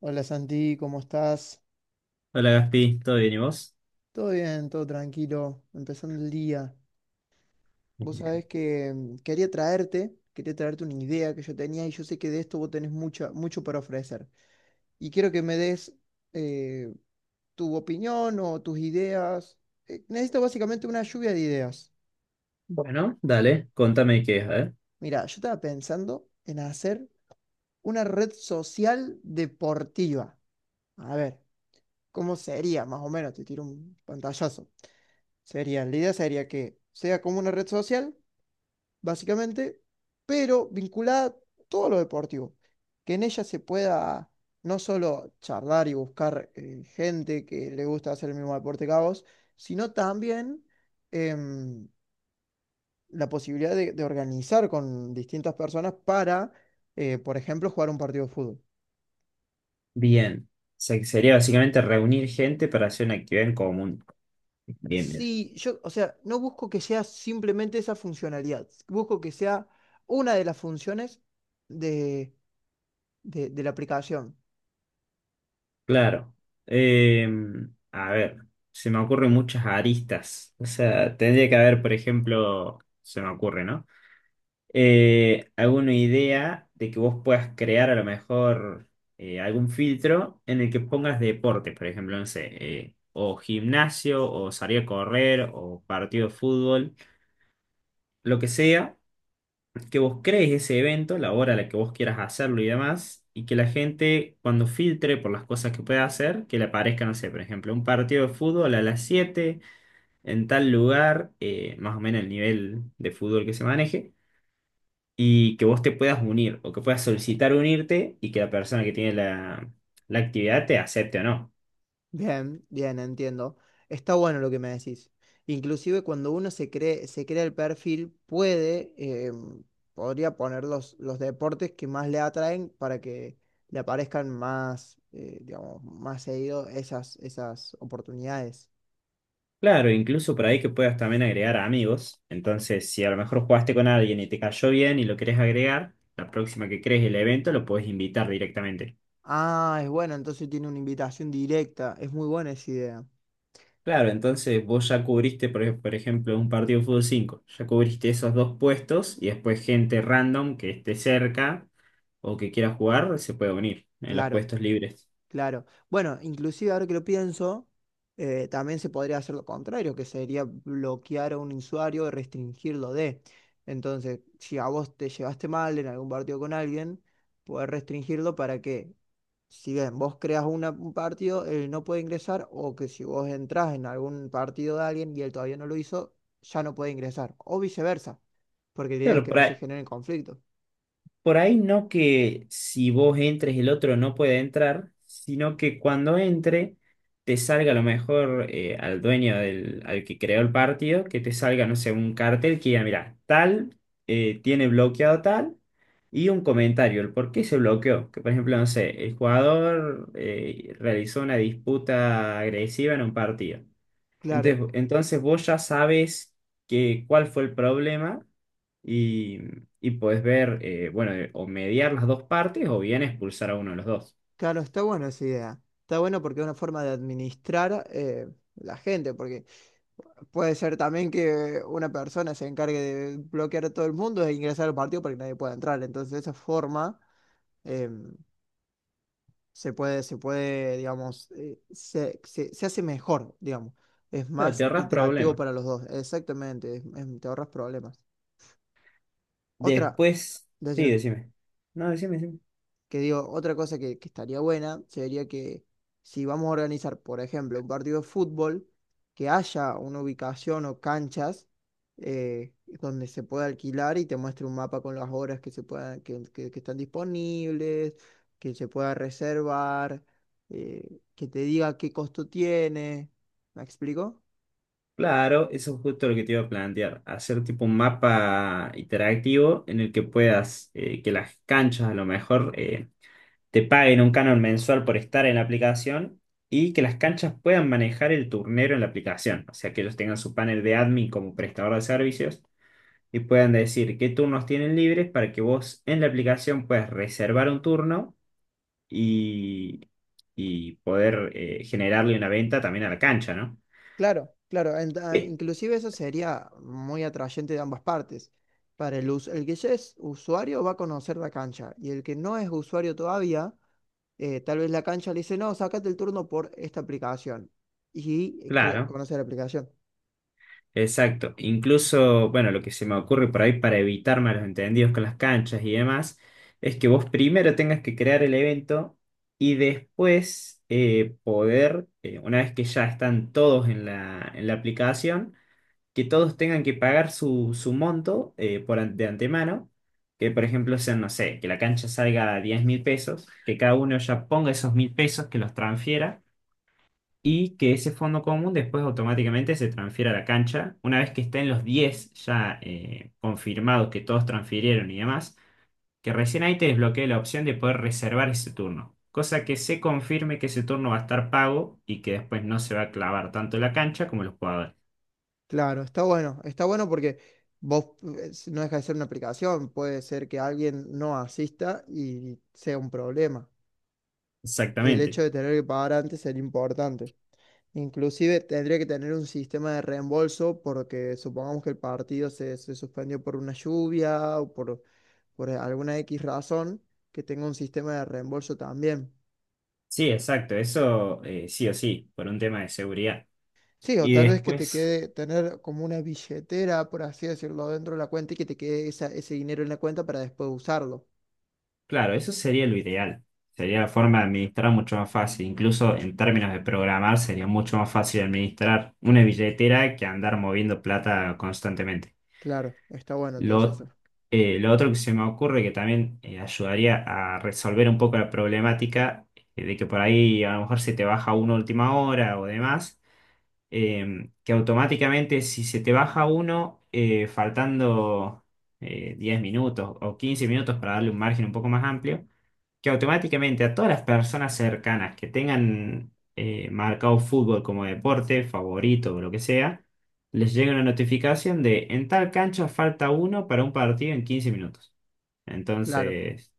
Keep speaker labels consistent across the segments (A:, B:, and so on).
A: Hola Santi, ¿cómo estás?
B: Hola Gaspi, ¿todo bien y vos?
A: Todo bien, todo tranquilo, empezando el día. Vos sabés
B: Bien.
A: que quería traerte una idea que yo tenía y yo sé que de esto vos tenés mucho para ofrecer. Y quiero que me des eh, tu opinión o tus ideas. Necesito básicamente una lluvia de ideas.
B: Bueno, dale, contame qué es, a ver.
A: Mira, yo estaba pensando en hacer una red social deportiva. A ver, ¿cómo sería? Más o menos, te tiro un pantallazo. La idea sería que sea como una red social, básicamente, pero vinculada a todo lo deportivo. Que en ella se pueda no solo charlar y buscar gente que le gusta hacer el mismo deporte que a vos, sino también em, la posibilidad de organizar con distintas personas para, por ejemplo, jugar un partido de fútbol.
B: Bien. Sería básicamente reunir gente para hacer una actividad en común. Bien, bien.
A: Sí, yo, o sea, no busco que sea simplemente esa funcionalidad, busco que sea una de las funciones de de la aplicación.
B: Claro. Eh, a ver, se me ocurren muchas aristas. O sea, tendría que haber, por ejemplo, se me ocurre, ¿no? alguna idea de que vos puedas crear a lo mejor algún filtro en el que pongas deporte, por ejemplo, no sé, o gimnasio, o salir a correr, o partido de fútbol, lo que sea, que vos crees ese evento, la hora a la que vos quieras hacerlo y demás, y que la gente cuando filtre por las cosas que pueda hacer, que le aparezca, no sé, por ejemplo, un partido de fútbol a las 7 en tal lugar, más o menos el nivel de fútbol que se maneje y que vos te puedas unir o que puedas solicitar unirte y que la persona que tiene la actividad te acepte o no.
A: Bien, bien, entiendo. Está bueno lo que me decís. Inclusive cuando uno se crea el perfil, puede, podría poner los deportes que más le atraen para que le aparezcan más, digamos, más seguido esas oportunidades.
B: Claro, incluso por ahí que puedas también agregar amigos. Entonces, si a lo mejor jugaste con alguien y te cayó bien y lo querés agregar, la próxima que crees el evento lo podés invitar directamente.
A: Ah, es bueno, entonces tiene una invitación directa. Es muy buena esa idea.
B: Claro, entonces vos ya cubriste, por ejemplo, un partido de fútbol 5 ya cubriste esos dos puestos y después gente random que esté cerca o que quiera jugar se puede unir en los
A: Claro.
B: puestos libres.
A: Claro. Bueno, inclusive ahora que lo pienso, también se podría hacer lo contrario, que sería bloquear a un usuario y restringirlo de. Entonces, si a vos te llevaste mal en algún partido con alguien, podés restringirlo para que, si bien vos un partido, él no puede ingresar, o que si vos entrás en algún partido de alguien y él todavía no lo hizo, ya no puede ingresar, o viceversa, porque la idea es
B: Claro,
A: que
B: por
A: no se
B: ahí.
A: generen conflictos.
B: Por ahí no que si vos entres el otro no puede entrar, sino que cuando entre te salga a lo mejor al dueño del, al que creó el partido, que te salga, no sé, un cartel que diga, mira, tal tiene bloqueado tal y un comentario, el por qué se bloqueó. Que por ejemplo, no sé, el jugador realizó una disputa agresiva en un partido.
A: Claro.
B: Entonces, vos ya sabes que, cuál fue el problema y, y podés ver, bueno, o mediar las dos partes o bien expulsar a uno de los dos.
A: Claro, está buena esa idea. Está bueno porque es una forma de administrar la gente, porque puede ser también que una persona se encargue de bloquear a todo el mundo e ingresar al partido para que nadie pueda entrar. Entonces, de esa forma eh, se puede, digamos, se hace mejor, digamos. Es
B: Claro, te
A: más
B: ahorras
A: interactivo
B: problemas.
A: para los dos. Exactamente, te ahorras problemas. Otra,
B: Después, sí,
A: decime.
B: decime. No, decime, decime.
A: Que digo, otra cosa que estaría buena sería que si vamos a organizar, por ejemplo, un partido de fútbol, que haya una ubicación o canchas eh, donde se pueda alquilar y te muestre un mapa con las horas que se que están disponibles, que se pueda reservar, que te diga qué costo tiene. ¿Me explico?
B: Claro, eso es justo lo que te iba a plantear. Hacer tipo un mapa interactivo en el que puedas, que las canchas a lo mejor te paguen un canon mensual por estar en la aplicación y que las canchas puedan manejar el turnero en la aplicación. O sea, que ellos tengan su panel de admin como prestador de servicios y puedan decir qué turnos tienen libres para que vos en la aplicación puedas reservar un turno y, y poder generarle una venta también a la cancha, ¿no?
A: Claro, claro.
B: Eh,
A: Inclusive eso sería muy atrayente de ambas partes. Para el que ya es usuario va a conocer la cancha y el que no es usuario todavía, tal vez la cancha le dice, no, sácate el turno por esta aplicación y
B: Claro.
A: conoce la aplicación.
B: Exacto. Incluso, bueno, lo que se me ocurre por ahí para evitar malos entendidos con las canchas y demás, es que vos primero tengas que crear el evento y después poder, una vez que ya están todos en la aplicación, que todos tengan que pagar su, su monto de antemano, que por ejemplo sean, no sé, que la cancha salga a 10.000 pesos, que cada uno ya ponga esos 1.000 pesos, que los transfiera y que ese fondo común después automáticamente se transfiera a la cancha. Una vez que estén los 10 ya confirmados que todos transfirieron y demás, que recién ahí te desbloquee la opción de poder reservar ese turno. Cosa que se confirme que ese turno va a estar pago y que después no se va a clavar tanto la cancha como los jugadores.
A: Claro, está bueno porque vos no deja de ser una aplicación, puede ser que alguien no asista y sea un problema. El hecho
B: Exactamente.
A: de tener que pagar antes sería importante. Inclusive tendría que tener un sistema de reembolso porque supongamos que el partido se suspendió por una lluvia por alguna X razón, que tenga un sistema de reembolso también.
B: Sí, exacto. Eso sí o sí, por un tema de seguridad.
A: Sí, o
B: Y
A: tal vez que te
B: después,
A: quede tener como una billetera, por así decirlo, dentro de la cuenta y que te quede ese dinero en la cuenta para después usarlo.
B: claro, eso sería lo ideal. Sería la forma de administrar mucho más fácil. Incluso en términos de programar sería mucho más fácil administrar una billetera que andar moviendo plata constantemente.
A: Claro, está bueno entonces
B: Lo,
A: eso.
B: lo otro que se me ocurre que también ayudaría a resolver un poco la problemática de que por ahí a lo mejor se te baja uno a última hora o demás, que automáticamente si se te baja uno faltando 10 minutos o 15 minutos para darle un margen un poco más amplio, que automáticamente a todas las personas cercanas que tengan marcado fútbol como deporte, favorito o lo que sea, les llega una notificación de en tal cancha falta uno para un partido en 15 minutos.
A: Claro,
B: Entonces,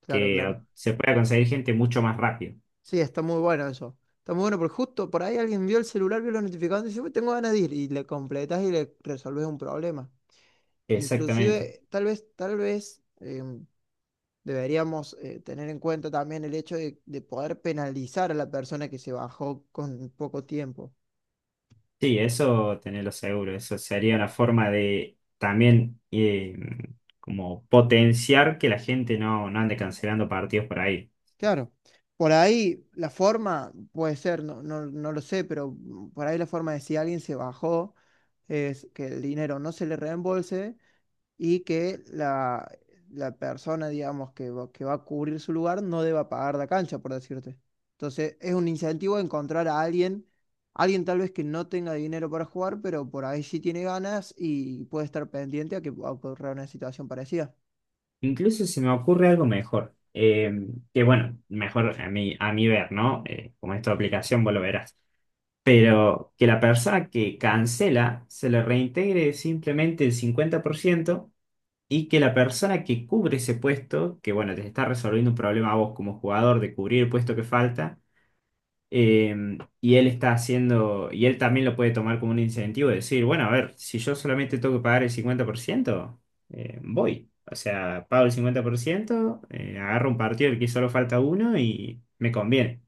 A: claro, claro.
B: se pueda conseguir gente mucho más rápido.
A: Sí, está muy bueno eso. Está muy bueno porque justo por ahí alguien vio el celular, vio los notificados y dice, "Uy, tengo ganas de ir". Y le completas y le resolves un problema.
B: Exactamente.
A: Inclusive, tal vez deberíamos tener en cuenta también el hecho de poder penalizar a la persona que se bajó con poco tiempo.
B: Sí, eso tenerlo seguro. Eso sería una forma de también como potenciar que la gente no, no ande cancelando partidos por ahí.
A: Claro. Por ahí la forma puede ser, no, no, no lo sé, pero por ahí la forma de si alguien se bajó es que el dinero no se le reembolse y que la persona, digamos, que va a cubrir su lugar no deba pagar la cancha, por decirte. Entonces, es un incentivo encontrar a alguien, alguien tal vez que no tenga dinero para jugar, pero por ahí sí tiene ganas y puede estar pendiente a que ocurra una situación parecida.
B: Incluso se me ocurre algo mejor, que bueno, mejor a mí, a mi ver, ¿no? Como es tu aplicación, vos lo verás. Pero que la persona que cancela se le reintegre simplemente el 50% y que la persona que cubre ese puesto, que bueno, te está resolviendo un problema a vos como jugador de cubrir el puesto que falta, y él está haciendo, y él también lo puede tomar como un incentivo de decir, bueno, a ver, si yo solamente tengo que pagar el 50%, voy. O sea, pago el 50%, agarro un partido del que solo falta uno y me conviene.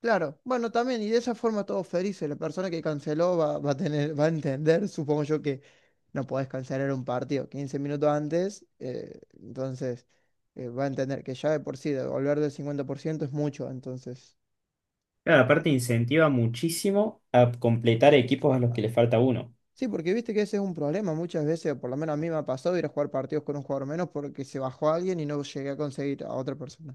A: Claro, bueno, también, y de esa forma todos felices. La persona que canceló va a va a entender, supongo yo, que no podés cancelar un partido 15 minutos antes, entonces va a entender que ya de por sí devolver del 50% es mucho, entonces.
B: Claro, aparte incentiva muchísimo a completar equipos a los que le falta uno.
A: Sí, porque viste que ese es un problema muchas veces, por lo menos a mí me ha pasado ir a jugar partidos con un jugador menos porque se bajó alguien y no llegué a conseguir a otra persona.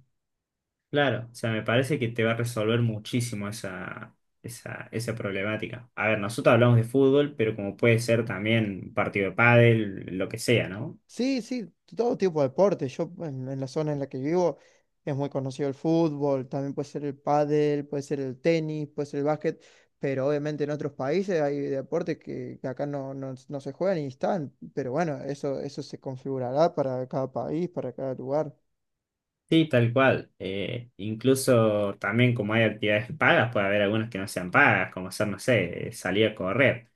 B: Claro, o sea, me parece que te va a resolver muchísimo esa problemática. A ver, nosotros hablamos de fútbol, pero como puede ser también un partido de pádel, lo que sea, ¿no?
A: Sí, sí, todo tipo de deporte. Yo en la zona en la que vivo es muy conocido el fútbol, también puede ser el pádel, puede ser el tenis, puede ser el básquet, pero obviamente en otros países hay deportes que acá no, no, no se juegan y están, pero bueno, eso se configurará para cada país, para cada lugar.
B: Sí, tal cual. Incluso también como hay actividades pagas, puede haber algunas que no sean pagas, como hacer, no sé, salir a correr.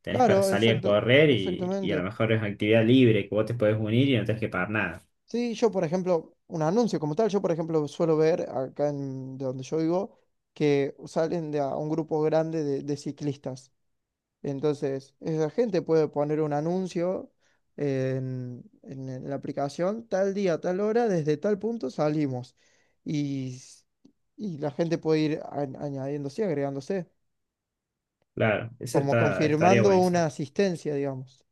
B: Tenés para
A: Claro,
B: salir a
A: exacto,
B: correr y a lo
A: exactamente.
B: mejor es actividad libre que vos te podés unir y no tenés que pagar nada.
A: Sí, yo por ejemplo, un anuncio como tal, yo por ejemplo suelo ver acá de donde yo vivo que salen de a un grupo grande de ciclistas. Entonces, esa gente puede poner un anuncio en la aplicación, tal día, tal hora, desde tal punto salimos. Y, s- y la gente puede ir añadiéndose, agregándose,
B: Claro, eso
A: como
B: está, estaría
A: confirmando
B: buenísimo.
A: una asistencia, digamos.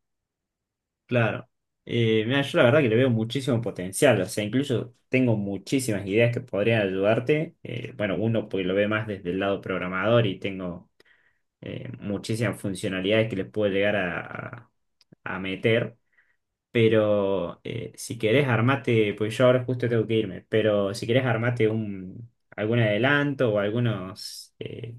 B: Claro. Mira, yo la verdad que le veo muchísimo potencial. O sea, incluso tengo muchísimas ideas que podrían ayudarte. Bueno, uno porque lo ve más desde el lado programador y tengo muchísimas funcionalidades que les puedo llegar a meter. Pero si querés armate, pues yo ahora justo tengo que irme, pero si querés armate un, algún adelanto o algunos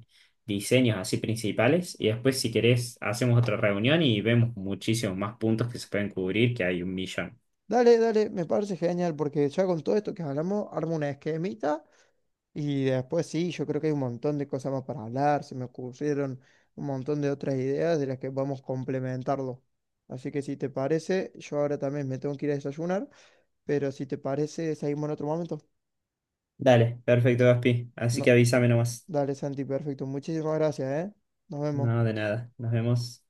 B: diseños así principales y después si querés hacemos otra reunión y vemos muchísimos más puntos que se pueden cubrir, que hay 1.000.000.
A: Dale, dale, me parece genial, porque ya con todo esto que hablamos, armo una esquemita. Y después sí, yo creo que hay un montón de cosas más para hablar, se me ocurrieron un montón de otras ideas de las que vamos a complementarlo. Así que si te parece, yo ahora también me tengo que ir a desayunar, pero si te parece, seguimos en otro momento.
B: Dale, perfecto, Gaspi. Así que
A: No,
B: avísame nomás.
A: dale Santi, perfecto. Muchísimas gracias, ¿eh? Nos vemos.
B: No, de nada. Nos vemos.